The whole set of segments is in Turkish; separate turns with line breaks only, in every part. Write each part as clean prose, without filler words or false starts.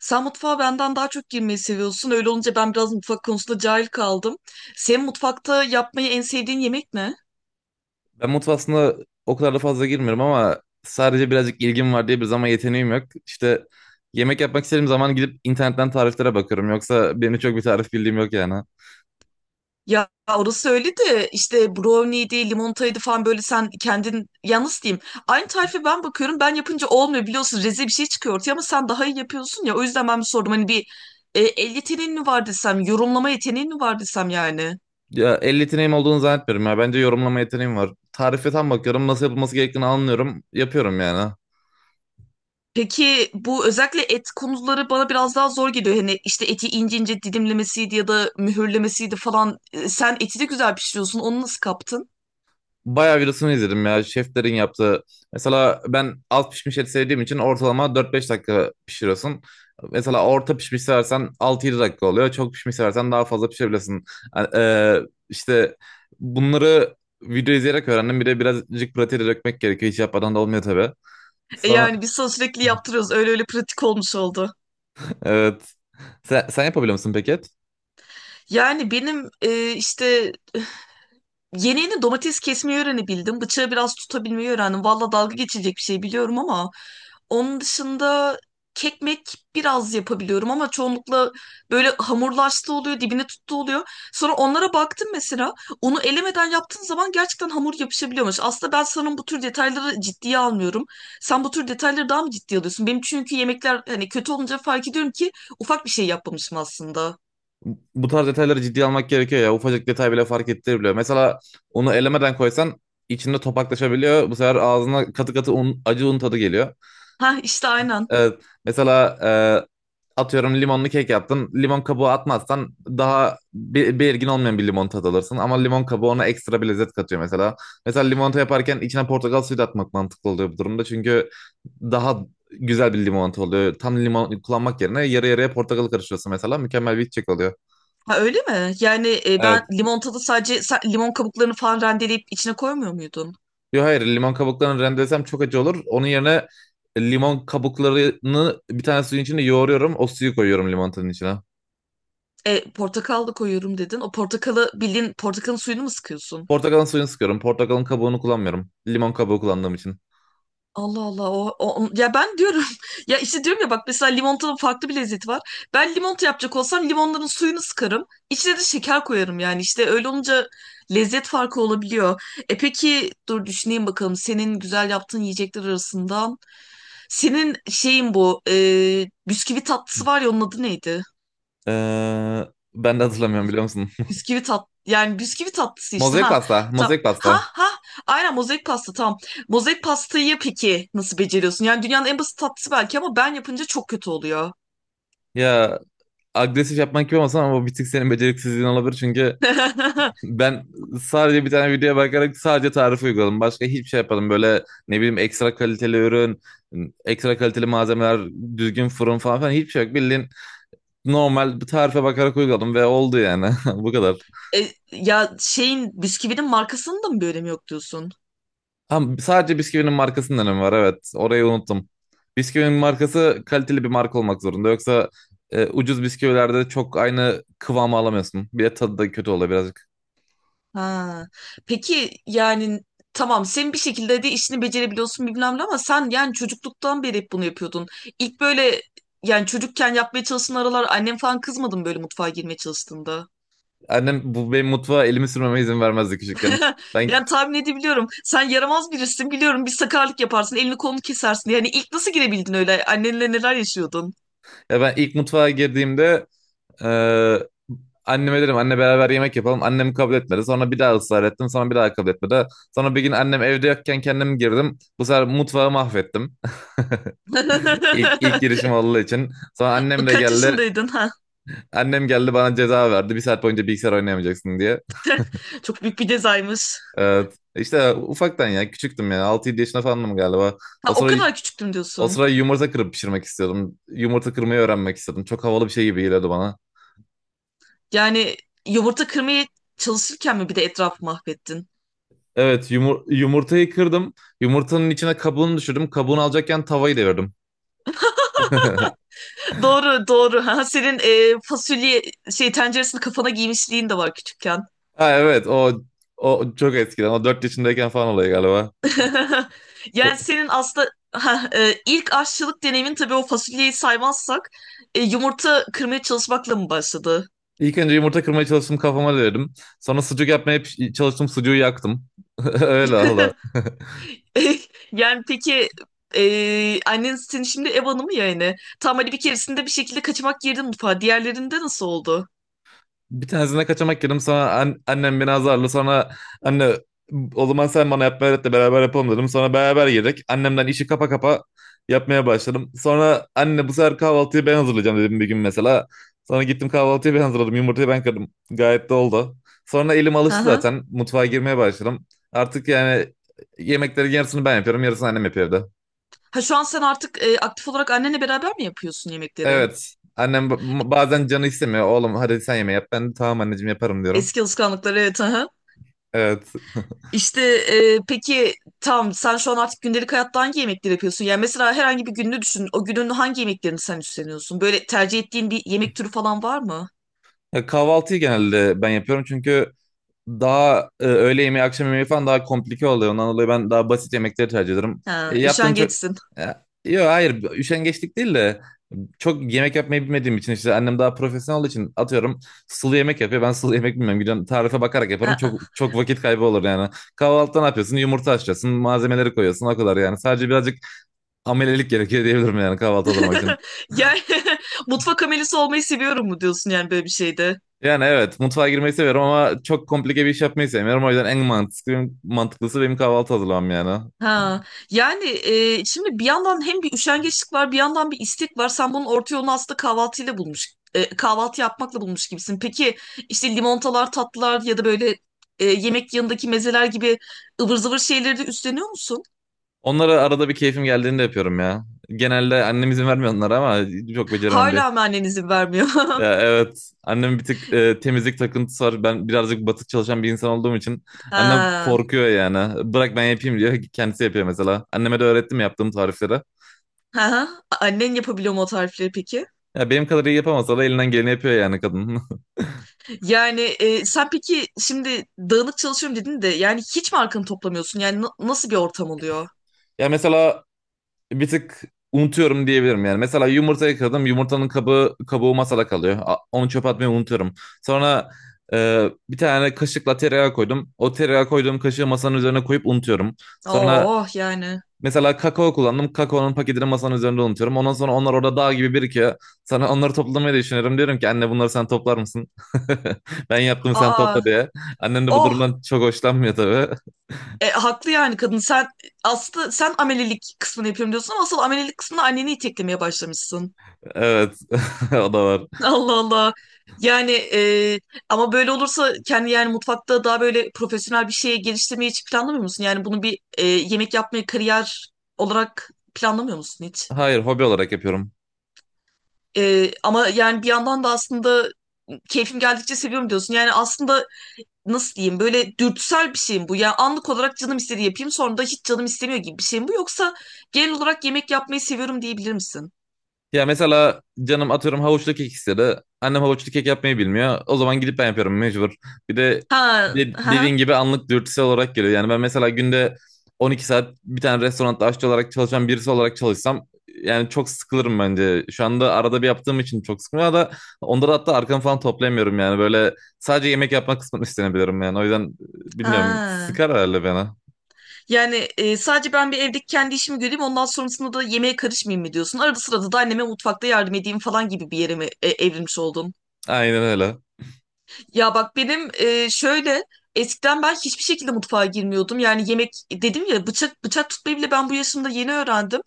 Sen mutfağa benden daha çok girmeyi seviyorsun. Öyle olunca ben biraz mutfak konusunda cahil kaldım. Senin mutfakta yapmayı en sevdiğin yemek ne?
Ben mutfağa aslında o kadar da fazla girmiyorum ama sadece birazcık ilgim var diye bir zaman yeteneğim yok. İşte yemek yapmak istediğim zaman gidip internetten tariflere bakıyorum. Yoksa benim çok bir tarif bildiğim yok yani.
Ya orası öyle de işte brownie'ydi, limonataydı falan böyle sen kendin yalnız diyeyim. Aynı tarife ben bakıyorum ben yapınca olmuyor biliyorsun rezil bir şey çıkıyor ortaya ama sen daha iyi yapıyorsun ya. O yüzden ben bir sordum hani bir el yeteneğin mi var desem, yorumlama yeteneğin mi var desem yani.
Ya el yeteneğim olduğunu zannetmiyorum ya. Bence yorumlama yeteneğim var. Tarife tam bakıyorum. Nasıl yapılması gerektiğini anlıyorum. Yapıyorum yani.
Peki bu özellikle et konuları bana biraz daha zor geliyor. Hani işte eti ince ince dilimlemesiydi ya da mühürlemesiydi falan. Sen eti de güzel pişiriyorsun. Onu nasıl kaptın?
Bayağı videosunu izledim ya şeflerin yaptığı. Mesela ben az pişmiş et sevdiğim için ortalama 4-5 dakika pişiriyorsun. Mesela orta pişmiş seversen 6-7 dakika oluyor. Çok pişmiş seversen daha fazla pişirebilirsin. Yani, işte bunları video izleyerek öğrendim. Bir de birazcık pratiğe dökmek gerekiyor. Hiç yapmadan da olmuyor tabii. Sonra
Yani biz sana sürekli yaptırıyoruz. Öyle öyle pratik olmuş oldu.
evet. Sen yapabiliyor musun peki et?
Yani benim işte yeni yeni domates kesmeyi öğrenebildim. Bıçağı biraz tutabilmeyi öğrendim. Valla dalga geçilecek bir şey biliyorum ama onun dışında kekmek biraz yapabiliyorum ama çoğunlukla böyle hamurlaştı oluyor, dibine tuttu oluyor. Sonra onlara baktım mesela. Onu elemeden yaptığın zaman gerçekten hamur yapışabiliyormuş. Aslında ben sanırım bu tür detayları ciddiye almıyorum. Sen bu tür detayları daha mı ciddiye alıyorsun? Benim çünkü yemekler hani kötü olunca fark ediyorum ki ufak bir şey yapmamışım aslında.
Bu tarz detayları ciddiye almak gerekiyor ya. Ufacık detay bile fark ettirebiliyor. Mesela onu elemeden koysan içinde topaklaşabiliyor. Bu sefer ağzına katı katı un, acı un tadı geliyor.
Ha işte aynen.
Evet, mesela atıyorum limonlu kek yaptın. Limon kabuğu atmazsan daha belirgin olmayan bir limon tadı alırsın. Ama limon kabuğu ona ekstra bir lezzet katıyor mesela. Mesela limonata yaparken içine portakal suyu da atmak mantıklı oluyor bu durumda. Çünkü daha güzel bir limonata oluyor. Tam limon kullanmak yerine yarı yarıya portakal karıştırıyorsun mesela. Mükemmel bir içecek oluyor.
Ha, öyle mi? Yani ben
Evet.
limonatada sadece limon kabuklarını falan rendeleyip içine koymuyor muydun?
Yo hayır, limon kabuklarını rendelesem çok acı olur. Onun yerine limon kabuklarını bir tane suyun içine yoğuruyorum. O suyu koyuyorum limonatın içine.
Portakal da koyuyorum dedin. O portakalı bildiğin portakalın suyunu mu sıkıyorsun?
Portakalın suyunu sıkıyorum. Portakalın kabuğunu kullanmıyorum. Limon kabuğu kullandığım için.
Allah Allah ya ben diyorum ya işte diyorum ya bak mesela limonatanın farklı bir lezzeti var. Ben limonata yapacak olsam limonların suyunu sıkarım. İçine de şeker koyarım yani işte öyle olunca lezzet farkı olabiliyor. E peki dur düşüneyim bakalım senin güzel yaptığın yiyecekler arasından senin şeyin bu bisküvi tatlısı var ya onun adı neydi?
Ee, ben de hatırlamıyorum biliyor musun?
Bisküvi tat yani bisküvi tatlısı işte
Mozaik
ha
pasta.
ta,
Mozaik
ha
pasta.
ha aynen mozaik pasta tamam. Mozaik pastayı peki nasıl beceriyorsun? Yani dünyanın en basit tatlısı belki ama ben yapınca çok kötü oluyor.
Ya agresif yapmak gibi olmasın ama bu bir tık senin beceriksizliğin olabilir. Çünkü Ben sadece bir tane videoya bakarak sadece tarif uyguladım. Başka hiçbir şey yapmadım. Böyle ne bileyim, ekstra kaliteli ürün, ekstra kaliteli malzemeler, düzgün fırın falan filan, hiçbir şey yok. Bildiğin normal bir tarife bakarak uyguladım ve oldu yani. Bu kadar.
Ya şeyin bisküvinin markasının da mı bir önemi yok diyorsun?
Ama sadece bisküvinin markasının önemi var, evet. Orayı unuttum. Bisküvinin markası kaliteli bir marka olmak zorunda. Yoksa ucuz bisküvilerde çok aynı kıvamı alamıyorsun. Bir de tadı da kötü oluyor. Biraz.
Ha. Peki yani tamam sen bir şekilde de işini becerebiliyorsun bilmem ne ama sen yani çocukluktan beri hep bunu yapıyordun. İlk böyle yani çocukken yapmaya çalıştığın aralar annem falan kızmadı mı böyle mutfağa girmeye çalıştığında?
Annem bu benim mutfağa elimi sürmeme izin vermezdi küçükken. Ben
Yani tahmin edebiliyorum. Sen yaramaz birisin biliyorum. Bir sakarlık yaparsın, elini kolunu kesersin. Yani ilk nasıl girebildin öyle? Annenle neler yaşıyordun?
ya ben ilk mutfağa girdiğimde e, anneme dedim anne beraber yemek yapalım. Annem kabul etmedi. Sonra bir daha ısrar ettim. Sonra bir daha kabul etmedi. Sonra bir gün annem evde yokken kendim girdim. Bu sefer mutfağı mahvettim. İlk, ilk girişim olduğu için. Sonra annem de
Kaç
geldi.
yaşındaydın ha?
Annem geldi bana ceza verdi. Bir saat boyunca bilgisayar oynayamayacaksın diye.
Çok büyük bir cezaymış.
Evet. İşte ufaktan, ya küçüktüm yani. 6-7 yaşında falandım galiba. O
Ha, o
sıra,
kadar küçüktüm
o
diyorsun.
sıra yumurta kırıp pişirmek istiyordum. Yumurta kırmayı öğrenmek istedim. Çok havalı bir şey gibi geliyordu bana.
Yani yumurta kırmaya çalışırken mi bir de etrafı mahvettin?
Evet, yumurtayı kırdım. Yumurtanın içine kabuğunu düşürdüm. Kabuğunu alacakken tavayı devirdim.
Doğru, doğru. Ha, senin fasulye şey tenceresini kafana giymişliğin de var küçükken.
Ha evet, o çok eskiden. O 4 yaşındayken falan oluyor galiba. O,
Yani senin aslında ha, ilk aşçılık deneyimin tabii o fasulyeyi saymazsak yumurta kırmaya çalışmakla mı başladı?
ilk önce yumurta kırmaya çalıştım, kafama devirdim. Sonra sucuk yapmaya çalıştım, sucuğu yaktım. Öyle.
E, Yani peki annen senin şimdi ev hanımı ya yani. Tam hani bir keresinde bir şekilde kaçamak girdin mutfağa. Diğerlerinde nasıl oldu?
Bir tanesine kaçamak yedim, sonra annem beni azarlı, sonra anne o zaman sen bana yapmayı öğret de beraber yapalım dedim. Sonra beraber yedik. Annemden işi kapa kapa yapmaya başladım. Sonra anne bu sefer kahvaltıyı ben hazırlayacağım dedim bir gün mesela. Sonra gittim, kahvaltıyı ben hazırladım. Yumurtayı ben kırdım. Gayet de oldu. Sonra elim
Hı
alıştı
hı.
zaten. Mutfağa girmeye başladım. Artık yani yemeklerin yarısını ben yapıyorum. Yarısını annem yapıyor evde.
Ha şu an sen artık aktif olarak annenle beraber mi yapıyorsun yemekleri?
Evet. Annem bazen canı istemiyor. Oğlum hadi sen yemeği yap. Ben de tamam anneciğim yaparım diyorum.
Eski alışkanlıklar evet. Aha.
Evet.
İşte peki tam sen şu an artık gündelik hayatta hangi yemekleri yapıyorsun? Yani mesela herhangi bir gününü düşün. O günün hangi yemeklerini sen üstleniyorsun? Böyle tercih ettiğin bir yemek türü falan var mı?
Ya kahvaltıyı genelde ben yapıyorum çünkü daha öğle yemeği, akşam yemeği falan daha komplike oluyor. Ondan dolayı ben daha basit yemekleri tercih ederim. E,
Ha,
yaptığın çok...
üşengeçsin.
Yok hayır, üşengeçlik değil de çok yemek yapmayı bilmediğim için, işte annem daha profesyonel olduğu için, atıyorum sulu yemek yapıyor. Ben sulu yemek bilmiyorum. Gidiyorum tarife bakarak yaparım. Çok
Aa.
çok vakit kaybı olur yani. Kahvaltıda ne yapıyorsun? Yumurta haşlıyorsun, malzemeleri koyuyorsun, o kadar yani. Sadece birazcık amelelik gerekiyor diyebilirim yani kahvaltı hazırlamak için.
Yani mutfak amelisi olmayı seviyorum mu diyorsun yani böyle bir şeyde?
Yani evet, mutfağa girmeyi seviyorum ama çok komplike bir iş yapmayı sevmiyorum. O yüzden en mantıklısı benim kahvaltı hazırlamam yani.
Ha, yani şimdi bir yandan hem bir üşengeçlik var, bir yandan bir istek var. Sen bunun orta yolunu aslında kahvaltıyla bulmuş, kahvaltı yapmakla bulmuş gibisin. Peki işte limonatalar, tatlılar ya da böyle yemek yanındaki mezeler gibi ıvır zıvır şeyleri de üstleniyor musun?
Onları arada bir keyfim geldiğinde yapıyorum ya. Genelde annem izin vermiyor onlara, ama çok beceremem diye.
Hala mı annen izin vermiyor?
Ya evet, annem bir tık temizlik takıntısı var. Ben birazcık batık çalışan bir insan olduğum için annem
Ha.
korkuyor yani. Bırak ben yapayım diyor. Kendisi yapıyor mesela. Anneme de öğrettim yaptığım tarifleri.
Ha, annen yapabiliyor mu o tarifleri peki?
Ya benim kadar iyi yapamasa da elinden geleni yapıyor yani kadın.
Yani sen peki şimdi dağınık çalışıyorum dedin de yani hiç mi arkanı toplamıyorsun? Yani nasıl bir ortam oluyor?
Ya mesela bir tık unutuyorum diyebilirim yani. Mesela yumurta kırdım. Yumurtanın kabı, kabuğu masada kalıyor. Onu çöpe atmayı unutuyorum. Sonra bir tane kaşıkla tereyağı koydum. O tereyağı koyduğum kaşığı masanın üzerine koyup unutuyorum. Sonra
Oh oh, yani.
mesela kakao kullandım. Kakaonun paketini masanın üzerinde unutuyorum. Ondan sonra onlar orada dağ gibi birikiyor. Sana onları toplamayı düşünüyorum. Diyorum ki anne bunları sen toplar mısın? Ben yaptım sen
Aa,
topla diye. Annem de bu
oh.
durumdan çok hoşlanmıyor tabii.
Haklı yani kadın. Sen aslında amelelik kısmını yapıyorum diyorsun ama asıl amelelik kısmında anneni iteklemeye başlamışsın.
Evet. O da var.
Allah Allah. Yani ama böyle olursa kendi yani mutfakta daha böyle profesyonel bir şeye geliştirmeyi hiç planlamıyor musun? Yani bunu bir yemek yapmayı kariyer olarak planlamıyor musun hiç?
Hayır, hobi olarak yapıyorum.
Ama yani bir yandan da aslında keyfim geldikçe seviyorum diyorsun. Yani aslında nasıl diyeyim böyle dürtüsel bir şey mi bu? Yani anlık olarak canım istediği yapayım sonra da hiç canım istemiyor gibi bir şey mi bu? Yoksa genel olarak yemek yapmayı seviyorum diyebilir misin?
Ya mesela canım atıyorum havuçlu kek istedi. Annem havuçlu kek yapmayı bilmiyor. O zaman gidip ben yapıyorum mecbur. Bir de,
Ha,
dediğin
ha,
gibi anlık dürtüsel olarak geliyor. Yani ben mesela günde 12 saat bir tane restoranda aşçı olarak çalışan birisi olarak çalışsam yani çok sıkılırım bence. Şu anda arada bir yaptığım için çok sıkılıyor da, onda da hatta arkamı falan toplayamıyorum yani. Böyle sadece yemek yapmak kısmını üstlenebilirim yani. O yüzden bilmiyorum,
ha.
sıkar herhalde bana.
Yani sadece ben bir evdeki kendi işimi göreyim ondan sonrasında da yemeğe karışmayayım mı diyorsun? Arada sırada da anneme mutfakta yardım edeyim falan gibi bir yere mi evrilmiş oldun?
Aynen öyle.
Ya bak benim şöyle eskiden ben hiçbir şekilde mutfağa girmiyordum. Yani yemek dedim ya bıçak tutmayı bile ben bu yaşımda yeni öğrendim.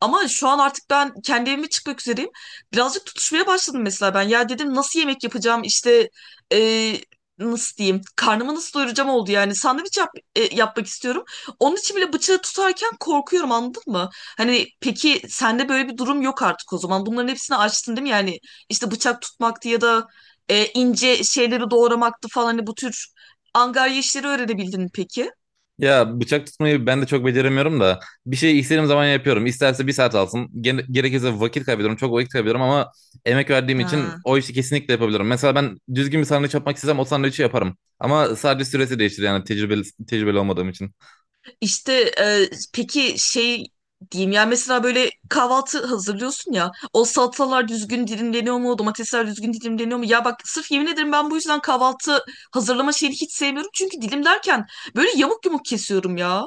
Ama şu an artık ben kendi evime çıkmak üzereyim. Birazcık tutuşmaya başladım mesela ben. Ya dedim nasıl yemek yapacağım işte e, nasıl diyeyim karnımı nasıl doyuracağım oldu yani. Yapmak istiyorum. Onun için bile bıçağı tutarken korkuyorum anladın mı? Hani peki sende böyle bir durum yok artık o zaman. Bunların hepsini açtın değil mi? Yani işte bıçak tutmaktı ya da ince şeyleri doğramaktı falan hani bu tür angarya işleri öğrenebildin mi peki?
Ya bıçak tutmayı ben de çok beceremiyorum da bir şey istediğim zaman yapıyorum. İsterse bir saat alsın. Gerekirse vakit kaybediyorum. Çok vakit kaybediyorum ama emek verdiğim için
Ha.
o işi kesinlikle yapabilirim. Mesela ben düzgün bir sandviç yapmak istesem o sandviçi yaparım. Ama sadece süresi değişir yani tecrübeli olmadığım için.
İşte e, peki şey diyeyim yani mesela böyle kahvaltı hazırlıyorsun ya o salatalar düzgün dilimleniyor mu domatesler düzgün dilimleniyor mu ya bak sırf yemin ederim ben bu yüzden kahvaltı hazırlama şeyini hiç sevmiyorum çünkü dilimlerken böyle yamuk yumuk kesiyorum ya.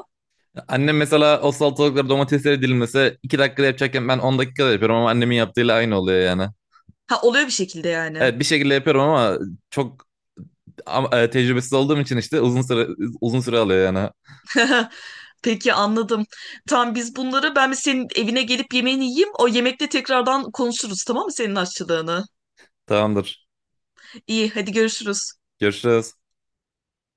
Annem mesela o salatalıkları, domatesleri dilimlese 2 dakikada yapacakken ben 10 dakikada yapıyorum ama annemin yaptığıyla aynı oluyor yani.
Ha oluyor bir şekilde yani.
Evet, bir şekilde yapıyorum ama çok, ama tecrübesiz olduğum için işte uzun süre alıyor yani.
Peki anladım. Tamam biz bunları ben bir senin evine gelip yemeğini yiyeyim. O yemekte tekrardan konuşuruz tamam mı senin aşçılığını?
Tamamdır.
İyi, hadi görüşürüz.
Görüşürüz.